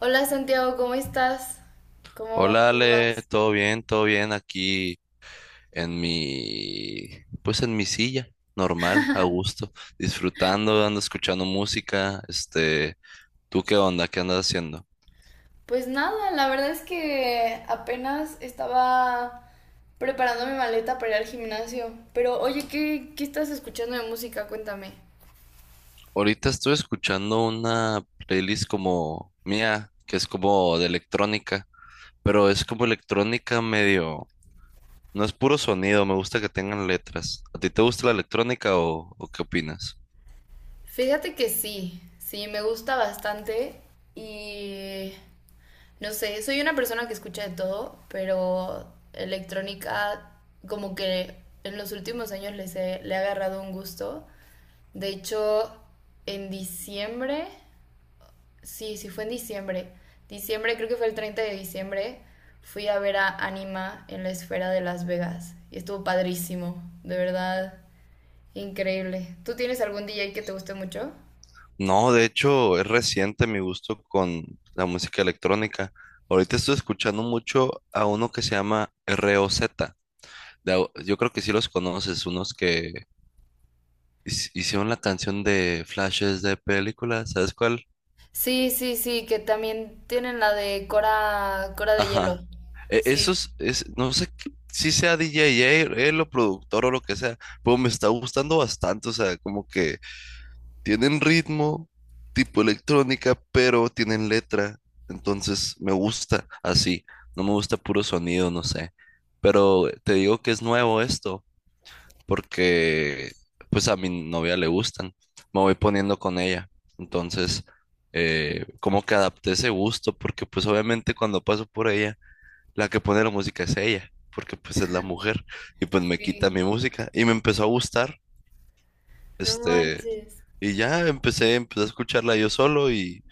Hola Santiago, ¿cómo estás? ¿Cómo, Hola cómo Ale, vas? Todo bien aquí en pues en mi silla, normal, a gusto, disfrutando, ando escuchando música, ¿tú qué onda? ¿Qué andas haciendo? Pues nada, la verdad es que apenas estaba preparando mi maleta para ir al gimnasio. Pero oye, ¿qué estás escuchando de música? Cuéntame. Ahorita estoy escuchando una playlist como mía, que es como de electrónica, pero es como electrónica medio, no es puro sonido, me gusta que tengan letras. ¿A ti te gusta la electrónica o qué opinas? Fíjate que sí, sí, me gusta bastante y no sé, soy una persona que escucha de todo, pero electrónica como que en los últimos años le he agarrado un gusto. De hecho, en diciembre. Sí, sí, fue en diciembre. Diciembre, creo que fue el 30 de diciembre. Fui a ver a Anima en la esfera de Las Vegas. Y estuvo padrísimo, de verdad, increíble. ¿Tú tienes algún DJ que te guste mucho? No, de hecho, es reciente mi gusto con la música electrónica. Ahorita estoy escuchando mucho a uno que se llama ROZ. Yo creo que sí los conoces, unos que hicieron la canción de flashes de películas, ¿sabes cuál? Sí, sí, sí, que también tienen la de Cora de Ajá. Hielo. Sí, No sé si sea DJ, él o productor o lo que sea, pero me está gustando bastante, o sea, como que tienen ritmo, tipo electrónica, pero tienen letra. Entonces me gusta así. No me gusta puro sonido, no sé. Pero te digo que es nuevo esto, porque pues a mi novia le gustan. Me voy poniendo con ella. Entonces, como que adapté ese gusto, porque pues obviamente cuando paso por ella, la que pone la música es ella, porque pues es la mujer. Y pues me quita sí. mi música. Y me empezó a gustar. No Este, manches. y ya empecé a escucharla yo solo,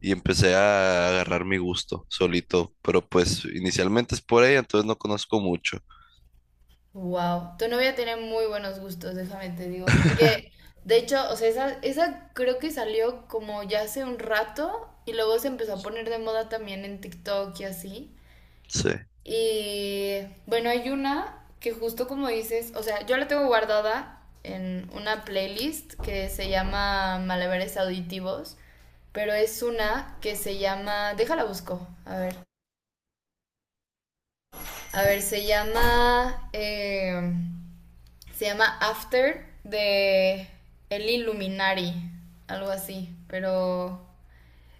y empecé a agarrar mi gusto solito. Pero pues inicialmente es por ella, entonces no conozco mucho. Wow, tu novia tiene muy buenos gustos, déjame te digo. Porque, de hecho, o sea, esa creo que salió como ya hace un rato y luego se empezó a poner de moda también en TikTok y así. Sí. Y bueno, hay una que justo como dices, o sea, yo la tengo guardada en una playlist que se llama Malabares Auditivos, pero es una que se llama, déjala busco, a ver. A ver, se llama After de El Illuminari, algo así, pero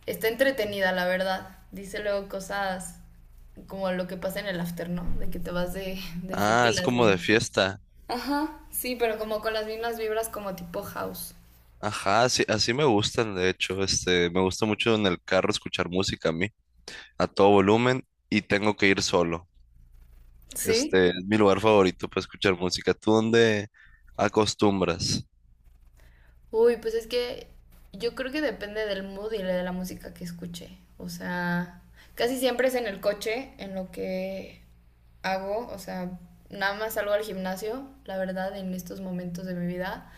está entretenida, la verdad. Dice luego cosas como lo que pasa en el After, ¿no? De que te vas de Ah, fiesta y es las como de sigues. fiesta. Ajá, sí, pero como con las mismas vibras como tipo house. Ajá, sí, así me gustan, de hecho. Me gusta mucho en el carro escuchar música a mí, a todo volumen, y tengo que ir solo. ¿Sí? Es mi lugar favorito para escuchar música. ¿Tú dónde acostumbras? Uy, pues es que yo creo que depende del mood y de la música que escuche. O sea, casi siempre es en el coche en lo que hago. O sea, nada más salgo al gimnasio, la verdad, en estos momentos de mi vida.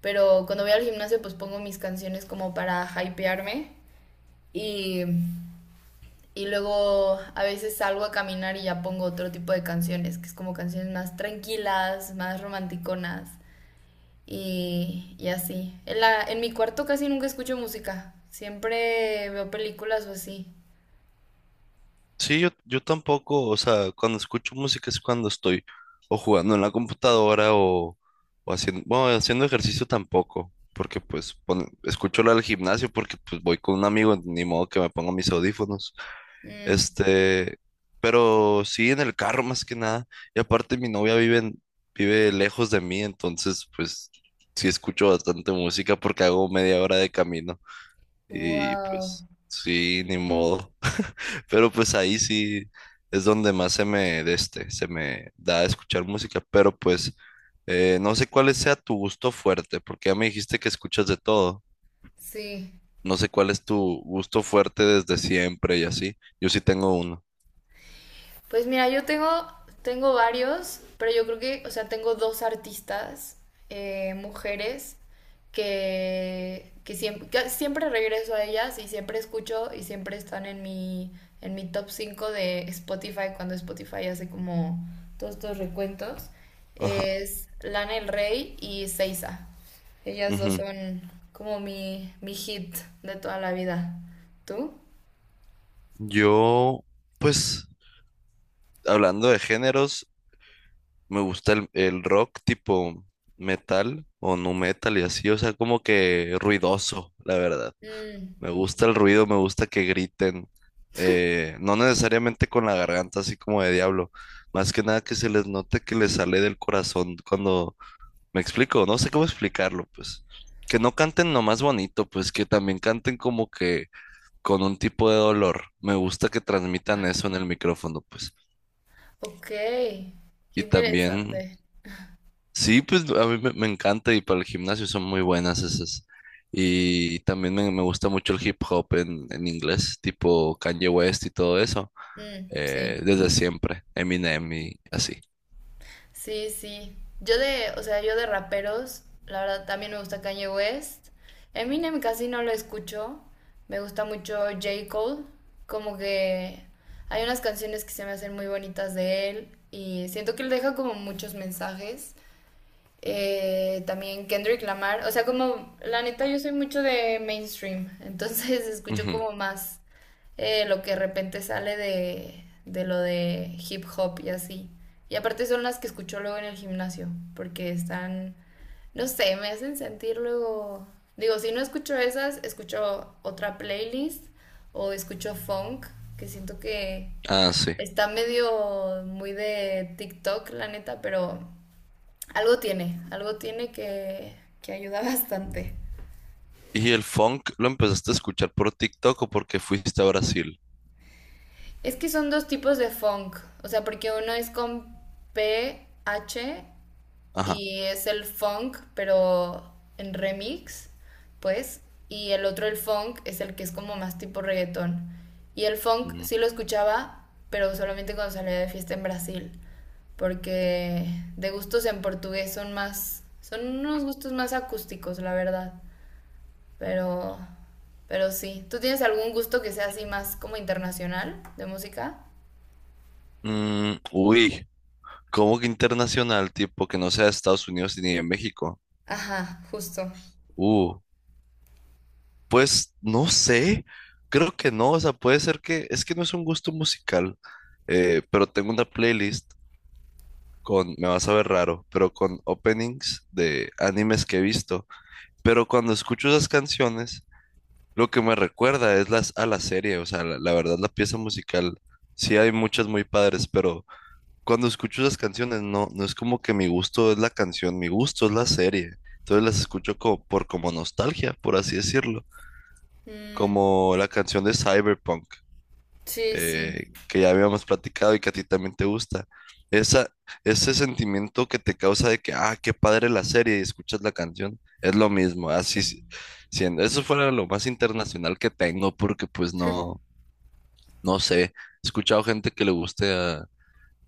Pero cuando voy al gimnasio, pues pongo mis canciones como para hypearme. Y, y luego a veces salgo a caminar y ya pongo otro tipo de canciones, que es como canciones más tranquilas, más romanticonas y así. En mi cuarto casi nunca escucho música. Siempre veo películas o así. Sí, yo tampoco, o sea, cuando escucho música es cuando estoy o jugando en la computadora o haciendo, bueno, haciendo ejercicio tampoco, porque pues escucho la del gimnasio porque pues voy con un amigo, ni modo que me ponga mis audífonos. Mm, Este, pero sí en el carro más que nada. Y aparte mi novia vive lejos de mí, entonces pues sí escucho bastante música porque hago media hora de camino y wow. pues sí, ni modo. Pero pues ahí sí es donde más se me da escuchar música, pero pues no sé cuál sea tu gusto fuerte, porque ya me dijiste que escuchas de todo. Sí. No sé cuál es tu gusto fuerte desde siempre y así. Yo sí tengo uno. Pues mira, yo tengo, tengo varios, pero yo creo que, o sea, tengo dos artistas, mujeres, que siempre regreso a ellas y siempre escucho y siempre están en mi, top 5 de Spotify cuando Spotify hace como todos estos recuentos. Ajá. Es Lana Del Rey y Seiza. Ellas dos Ujú. son como mi, hit de toda la vida. ¿Tú? Yo, pues, hablando de géneros, me gusta el rock tipo metal o nu metal y así, o sea, como que ruidoso, la verdad. Mm, Me gusta el ruido, me gusta que griten. No necesariamente con la garganta así como de diablo. Más que nada que se les note que les sale del corazón cuando me explico. No sé cómo explicarlo, pues. Que no canten nomás bonito, pues que también canten como que con un tipo de dolor. Me gusta que transmitan eso en el micrófono, pues. ok, qué Y también interesante. sí, pues a mí me encanta y para el gimnasio son muy buenas esas. Y también me gusta mucho el hip hop en inglés, tipo Kanye West y todo eso, Mm, sí, desde siempre, Eminem y así. sí, sí. O sea, yo de raperos, la verdad también me gusta Kanye West. Eminem casi no lo escucho. Me gusta mucho J. Cole. Como que hay unas canciones que se me hacen muy bonitas de él y siento que él deja como muchos mensajes. También Kendrick Lamar. O sea, como la neta yo soy mucho de mainstream, entonces escucho Ujú. como más lo que de repente sale de lo de hip hop y así. Y aparte son las que escucho luego en el gimnasio, porque están, no sé, me hacen sentir luego. Digo, si no escucho esas, escucho otra playlist o escucho funk, que siento que Ah, sí. está medio muy de TikTok, la neta, pero algo tiene que ayuda bastante. ¿Y el funk lo empezaste a escuchar por TikTok o porque fuiste a Brasil? Es que son dos tipos de funk, o sea, porque uno es con PH Ajá. y es el funk, pero en remix, pues, y el otro, el funk, es el que es como más tipo reggaetón. Y el funk Mm. sí lo escuchaba, pero solamente cuando salía de fiesta en Brasil, porque de gustos en portugués son más, son unos gustos más acústicos, la verdad. Pero, pero sí. ¿Tú tienes algún gusto que sea así más como internacional de música? Mm, uy, ¿cómo que internacional, tipo que no sea de Estados Unidos ni de México? Ajá, justo. Uh. Pues no sé, creo que no, o sea, puede ser que, es que no es un gusto musical, pero tengo una playlist con, me vas a ver raro, pero con openings de animes que he visto, pero cuando escucho esas canciones, lo que me recuerda es las, a la serie, o sea, la verdad la pieza musical, sí hay muchas muy padres, pero cuando escucho esas canciones, no es como que mi gusto es la canción, mi gusto es la serie, entonces las escucho como, por como nostalgia, por así decirlo Mm, como la canción de Cyberpunk, sí, sí, que ya habíamos platicado y que a ti también te gusta. Esa, Ese sentimiento que te causa de que, ah, qué padre la serie y escuchas la canción, es lo mismo, así siendo. Eso fuera lo más internacional que tengo, porque pues no, no sé, he escuchado gente que le guste a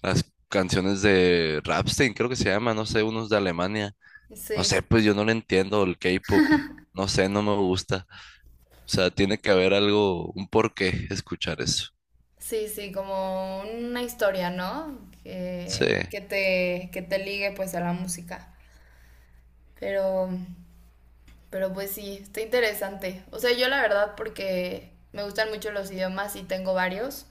las canciones de Rammstein, creo que se llama, no sé, unos de Alemania. No sí, sé, pues yo no le entiendo el K-pop, no sé, no me gusta. O sea, tiene que haber algo, un porqué escuchar eso. sí, sí, como una historia, ¿no? Sí, Que te ligue pues a la música. Pero, pero pues sí, está interesante. O sea, yo la verdad porque me gustan mucho los idiomas y tengo varios.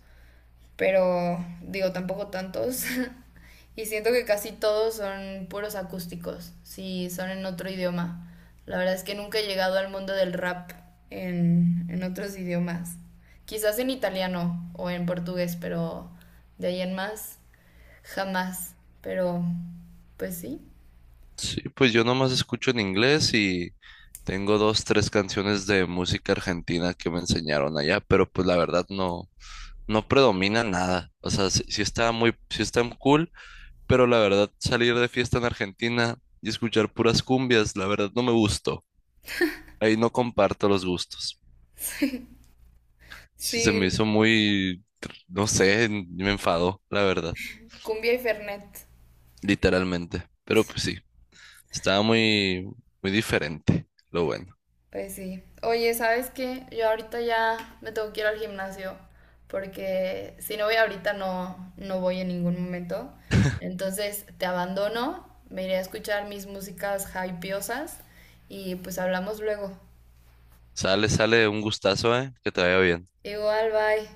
Pero digo, tampoco tantos. Y siento que casi todos son puros acústicos, si son en otro idioma. La verdad es que nunca he llegado al mundo del rap en otros idiomas. Quizás en italiano o en portugués, pero de ahí en más, jamás. Pero, pues sí. sí, pues yo nomás escucho en inglés y tengo dos, tres canciones de música argentina que me enseñaron allá, pero pues la verdad no, no predomina nada. O sea, sí, sí está muy, sí está cool, pero la verdad salir de fiesta en Argentina y escuchar puras cumbias, la verdad no me gustó. Ahí no comparto los gustos. Sí se me Sí, hizo muy, no sé, me enfadó, la verdad, cumbia y fernet. literalmente. Pero pues sí. Estaba muy, muy diferente, lo bueno. Pues sí. Oye, ¿sabes qué? Yo ahorita ya me tengo que ir al gimnasio porque si no voy ahorita no voy en ningún momento. Entonces te abandono, me iré a escuchar mis músicas hypeosas y pues hablamos luego. Sale, sale, un gustazo, que te vaya bien. Igual, bye.